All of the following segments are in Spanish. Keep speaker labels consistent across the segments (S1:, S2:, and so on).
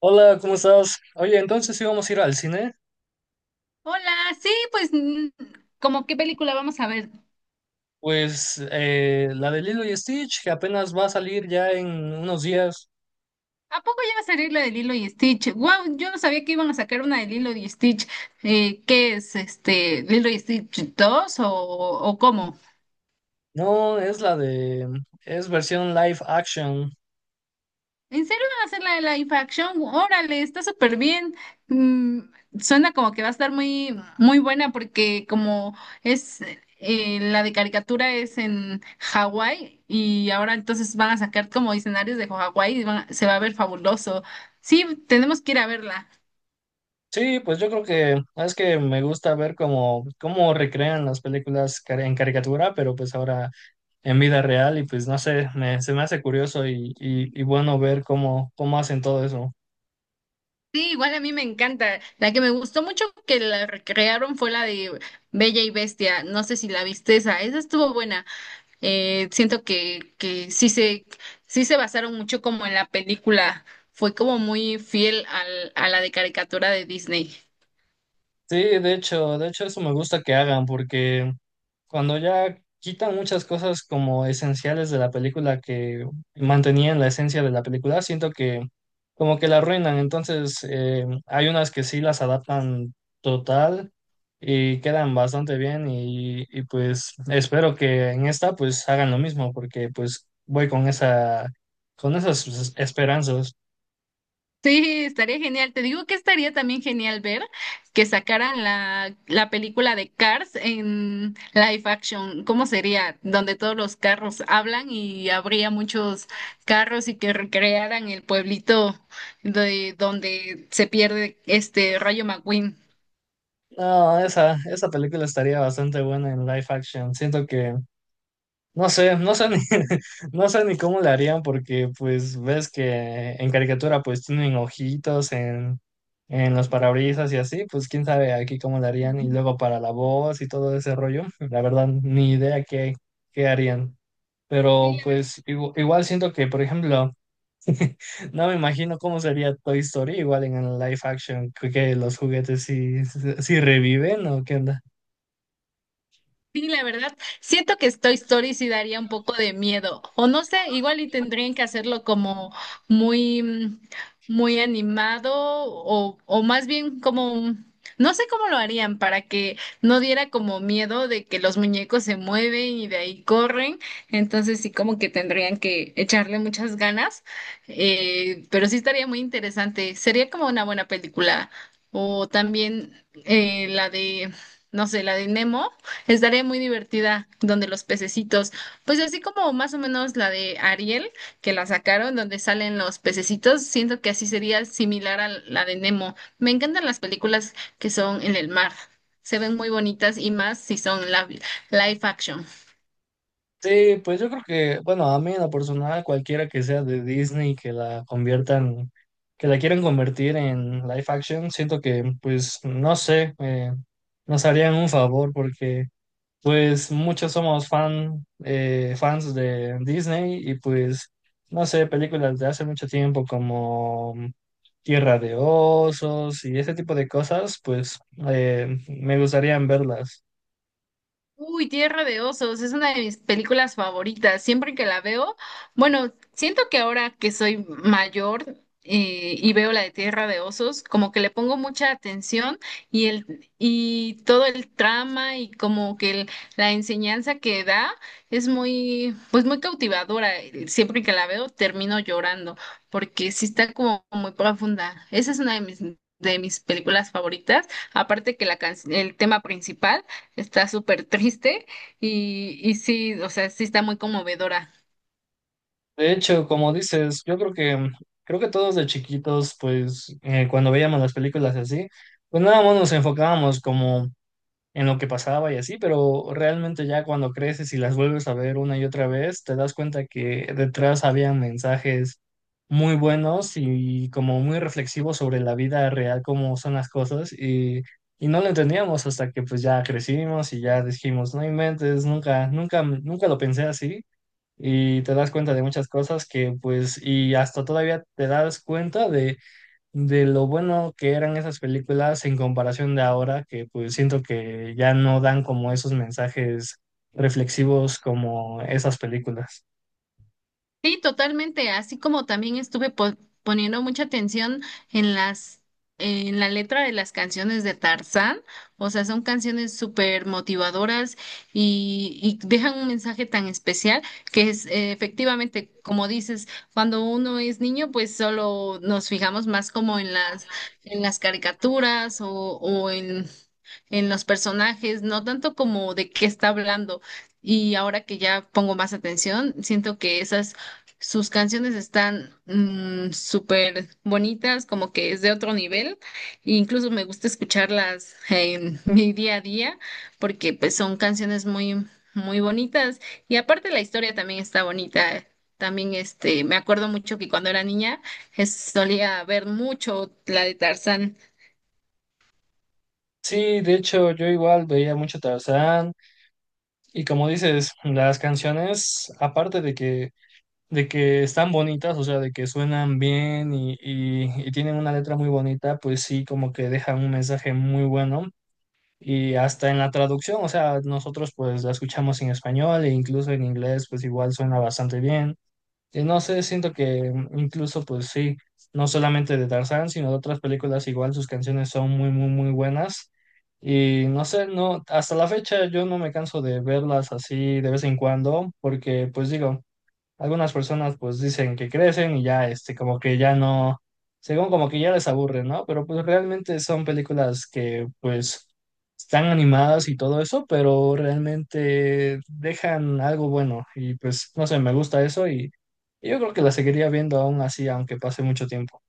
S1: Hola, ¿cómo estás? Oye, entonces íbamos a ir al cine.
S2: Hola, sí, pues, ¿cómo qué película vamos a ver?
S1: Pues la de Lilo y Stitch, que apenas va a salir ya en unos días.
S2: ¿A poco ya va a salir la de Lilo y Stitch? Wow, yo no sabía que iban a sacar una de Lilo y Stitch. ¿Qué es, este, Lilo y Stitch 2 o cómo?
S1: No, es la de... es versión live action.
S2: ¿En serio van a hacer la de la live action? Órale, está súper bien. Mm, Suena como que va a estar muy, muy buena porque como es la de caricatura es en Hawái y ahora entonces van a sacar como escenarios de Hawái y se va a ver fabuloso. Sí, tenemos que ir a verla.
S1: Sí, pues yo creo que es que me gusta ver cómo recrean las películas en caricatura, pero pues ahora en vida real y pues no sé, se me hace curioso y bueno ver cómo hacen todo eso.
S2: Sí, igual a mí me encanta. La que me gustó mucho que la recrearon fue la de Bella y Bestia. No sé si la viste esa. Esa estuvo buena. Siento que sí se basaron mucho como en la película. Fue como muy fiel al, a la de caricatura de Disney.
S1: Sí, de hecho eso me gusta que hagan porque cuando ya quitan muchas cosas como esenciales de la película que mantenían la esencia de la película, siento que como que la arruinan. Entonces, hay unas que sí las adaptan total y quedan bastante bien y pues espero que en esta pues hagan lo mismo porque pues voy con esa, con esas esperanzas.
S2: Sí, estaría genial. Te digo que estaría también genial ver que sacaran la, la película de Cars en live action. ¿Cómo sería? Donde todos los carros hablan y habría muchos carros y que recrearan el pueblito de donde se pierde este Rayo McQueen.
S1: No, esa película estaría bastante buena en live action. Siento que no sé, no sé ni, no sé ni cómo le harían porque pues ves que en caricatura pues tienen ojitos en los parabrisas y así, pues quién sabe aquí cómo le harían y luego para la voz y todo ese rollo, la verdad ni idea qué, qué harían. Pero pues igual siento que, por ejemplo, no me imagino cómo sería Toy Story igual en el live action, que los juguetes sí, sí reviven o qué onda.
S2: Sí, la verdad, siento que Toy Story sí daría un poco de miedo, o no sé, igual y tendrían que hacerlo como muy, muy animado, o más bien como, no sé cómo lo harían para que no diera como miedo de que los muñecos se mueven y de ahí corren, entonces sí como que tendrían que echarle muchas ganas, pero sí estaría muy interesante, sería como una buena película, o también la de, no sé, la de Nemo. Estaría muy divertida donde los pececitos, pues así como más o menos la de Ariel, que la sacaron, donde salen los pececitos, siento que así sería similar a la de Nemo. Me encantan las películas que son en el mar. Se ven muy bonitas y más si son live action.
S1: Sí, pues yo creo que, bueno, a mí en lo personal, cualquiera que sea de Disney que la conviertan, que la quieran convertir en live action, siento que, pues, no sé, nos harían un favor porque, pues, muchos somos fans de Disney y, pues, no sé, películas de hace mucho tiempo como Tierra de Osos y ese tipo de cosas, pues, me gustaría verlas.
S2: Uy, Tierra de Osos, es una de mis películas favoritas. Siempre que la veo, bueno, siento que ahora que soy mayor y veo la de Tierra de Osos, como que le pongo mucha atención y el y todo el trama y como que la enseñanza que da es muy, pues muy cautivadora. Siempre que la veo, termino llorando porque sí está como muy profunda. Esa es una de mis películas favoritas, aparte que el tema principal. Está súper triste y sí, o sea, sí está muy conmovedora.
S1: De hecho, como dices, yo creo que creo que todos de chiquitos, pues cuando veíamos las películas así, pues nada más nos enfocábamos como en lo que pasaba y así, pero realmente ya cuando creces y las vuelves a ver una y otra vez, te das cuenta que detrás había mensajes muy buenos y como muy reflexivos sobre la vida real, cómo son las cosas y no lo entendíamos hasta que pues ya crecimos y ya dijimos, no inventes, nunca, nunca, nunca lo pensé así y te das cuenta de muchas cosas que pues y hasta todavía te das cuenta de lo bueno que eran esas películas en comparación de ahora que pues siento que ya no dan como esos mensajes reflexivos como esas películas.
S2: Sí, totalmente, así como también estuve poniendo mucha atención en las, en la letra de las canciones de Tarzán, o sea, son canciones súper motivadoras y dejan un mensaje tan especial que es efectivamente, como dices, cuando uno es niño, pues solo nos fijamos más como en las caricaturas o, en los personajes, no tanto como de qué está hablando. Y ahora que ya pongo más atención, siento que esas, sus canciones están súper bonitas, como que es de otro nivel. E incluso me gusta escucharlas en mi día a día, porque pues son canciones muy, muy bonitas. Y aparte la historia también está bonita. También este, me acuerdo mucho que cuando era niña solía ver mucho la de Tarzán.
S1: Sí, de hecho yo igual veía mucho Tarzán y como dices, las canciones aparte de que están bonitas, o sea, de que suenan bien y tienen una letra muy bonita, pues sí, como que dejan un mensaje muy bueno. Y hasta en la traducción, o sea, nosotros pues la escuchamos en español e incluso en inglés pues igual suena bastante bien. Y no sé, siento que incluso pues sí, no solamente de Tarzán, sino de otras películas igual sus canciones son muy, muy, muy buenas. Y no sé, no, hasta la fecha yo no me canso de verlas así de vez en cuando, porque pues digo, algunas personas pues dicen que crecen y ya, este, como que ya no, según como que ya les aburre, ¿no? Pero pues realmente son películas que pues están animadas y todo eso, pero realmente dejan algo bueno y pues no sé, me gusta eso y yo creo que la seguiría viendo aún así, aunque pase mucho tiempo.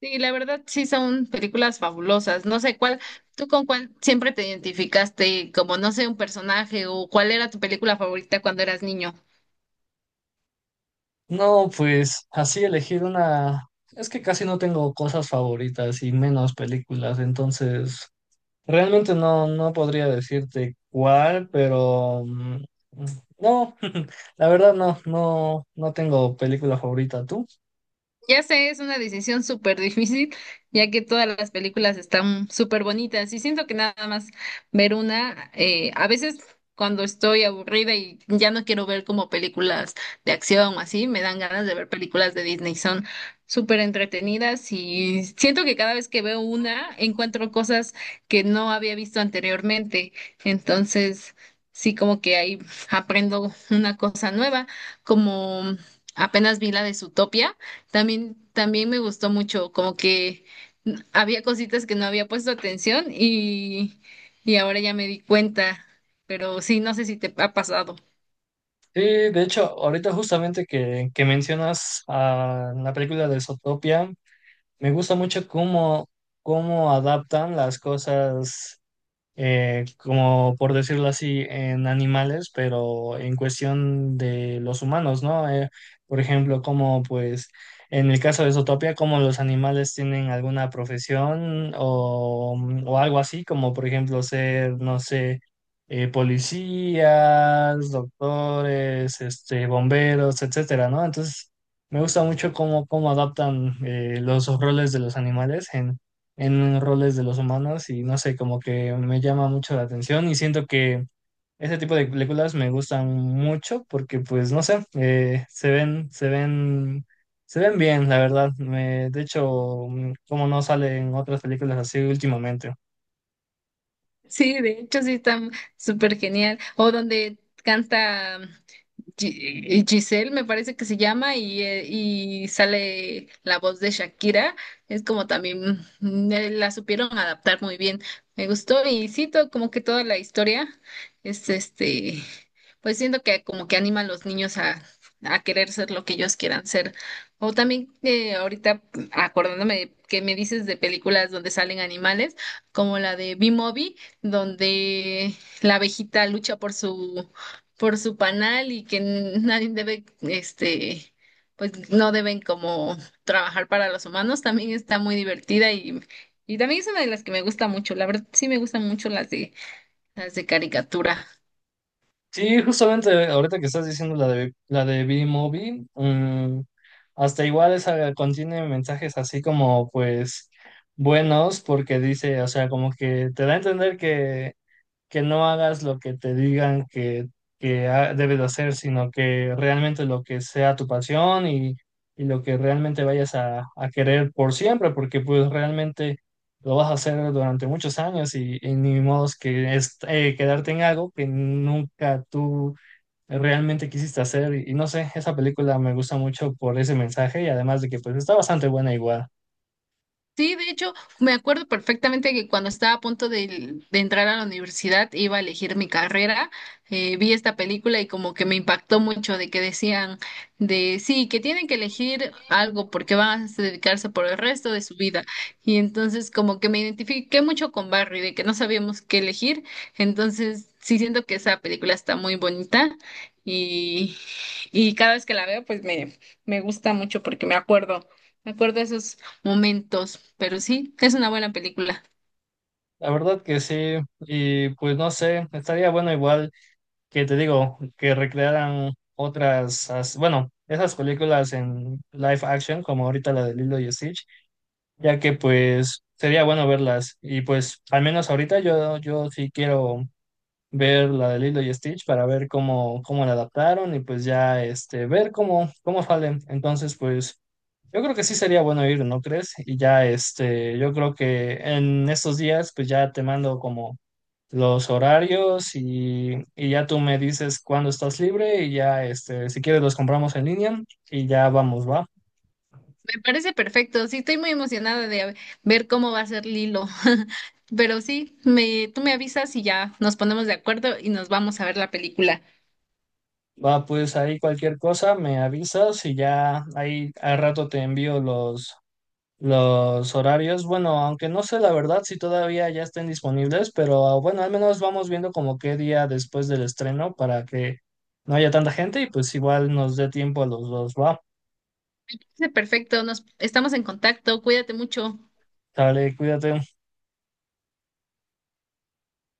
S2: Sí, la verdad sí son películas fabulosas. No sé cuál, tú con cuál siempre te identificaste, como no sé, un personaje o cuál era tu película favorita cuando eras niño.
S1: No, pues así elegir una, es que casi no tengo cosas favoritas y menos películas, entonces... Realmente no, no podría decirte cuál, pero no, la verdad no, no, no tengo película favorita. ¿Tú?
S2: Ya sé, es una decisión súper difícil, ya que todas las películas están súper bonitas y siento que nada más ver una, a veces cuando estoy aburrida y ya no quiero ver como películas de acción o así, me dan ganas de ver películas de Disney, son súper entretenidas y siento que cada vez que veo una encuentro cosas que no había visto anteriormente, entonces sí como que ahí aprendo una cosa nueva, como apenas vi la de Zootopia. También, también me gustó mucho, como que había cositas que no había puesto atención y ahora ya me di cuenta, pero sí, no sé si te ha pasado.
S1: Sí, de hecho, ahorita justamente que mencionas a la película de Zootopia, me gusta mucho cómo adaptan las cosas como por decirlo así, en animales, pero en cuestión de los humanos, ¿no? Por ejemplo, como pues en el caso de Zootopia, como los animales tienen alguna profesión o, o algo así, como por ejemplo ser, no sé, policías, doctores, este, bomberos, etcétera, ¿no? Entonces, me gusta mucho cómo adaptan los roles de los animales en roles de los humanos y no sé, como que me llama mucho la atención y siento que ese tipo de películas me gustan mucho porque pues no sé, se ven bien, la verdad. Me, de hecho, como no salen otras películas así últimamente.
S2: Sí, de hecho sí está súper genial. O donde canta Giselle, me parece que se llama, y sale la voz de Shakira. Es como también la supieron adaptar muy bien. Me gustó y sí, como que toda la historia es este, pues siento que como que anima a los niños a querer ser lo que ellos quieran ser. O también ahorita que me dices de películas donde salen animales, como la de B-Movie, donde la abejita lucha por su panal y que nadie debe, este, pues no deben como trabajar para los humanos, también está muy divertida y también es una de las que me gusta mucho. La verdad, sí me gustan mucho las de caricatura.
S1: Sí, justamente ahorita que estás diciendo la de B-Movie, hasta igual esa contiene mensajes así como pues buenos porque dice, o sea, como que te da a entender que no hagas lo que te digan que debes de hacer, sino que realmente lo que sea tu pasión y lo que realmente vayas a querer por siempre, porque pues realmente lo vas a hacer durante muchos años y ni modo que es, quedarte en algo que nunca tú realmente quisiste hacer. Y no sé, esa película me gusta mucho por ese mensaje y además de que pues está bastante buena igual.
S2: Sí, de hecho, me acuerdo perfectamente que cuando estaba a punto de entrar a la universidad, iba a elegir mi carrera, vi esta película y como que me impactó mucho de que decían de sí, que tienen que elegir algo porque van a dedicarse por el resto de su vida. Y entonces como que me identifiqué mucho con Barry, de que no sabíamos qué elegir. Entonces sí siento que esa película está muy bonita y, y cada vez que la veo pues me gusta mucho porque me acuerdo. Me acuerdo de esos momentos, pero sí, es una buena película.
S1: La verdad que sí, y pues no sé, estaría bueno igual que te digo, que recrearan otras, bueno, esas películas en live action, como ahorita la de Lilo y Stitch, ya que pues sería bueno verlas. Y pues al menos ahorita yo sí quiero ver la de Lilo y Stitch para ver cómo la adaptaron y pues ya este, ver cómo salen. Entonces, pues yo creo que sí sería bueno ir, ¿no crees? Y ya este, yo creo que en estos días pues ya te mando como los horarios y ya tú me dices cuándo estás libre y ya, este, si quieres los compramos en línea y ya vamos, va.
S2: Me parece perfecto, sí, estoy muy emocionada de ver cómo va a ser Lilo, pero sí, me, tú me avisas y ya nos ponemos de acuerdo y nos vamos a ver la película.
S1: Va, pues ahí cualquier cosa me avisas y ya ahí al rato te envío los horarios. Bueno, aunque no sé la verdad si todavía ya estén disponibles, pero bueno, al menos vamos viendo como qué día después del estreno para que no haya tanta gente y pues igual nos dé tiempo a los dos, va.
S2: Parece perfecto, nos estamos en contacto, cuídate mucho.
S1: Dale, cuídate.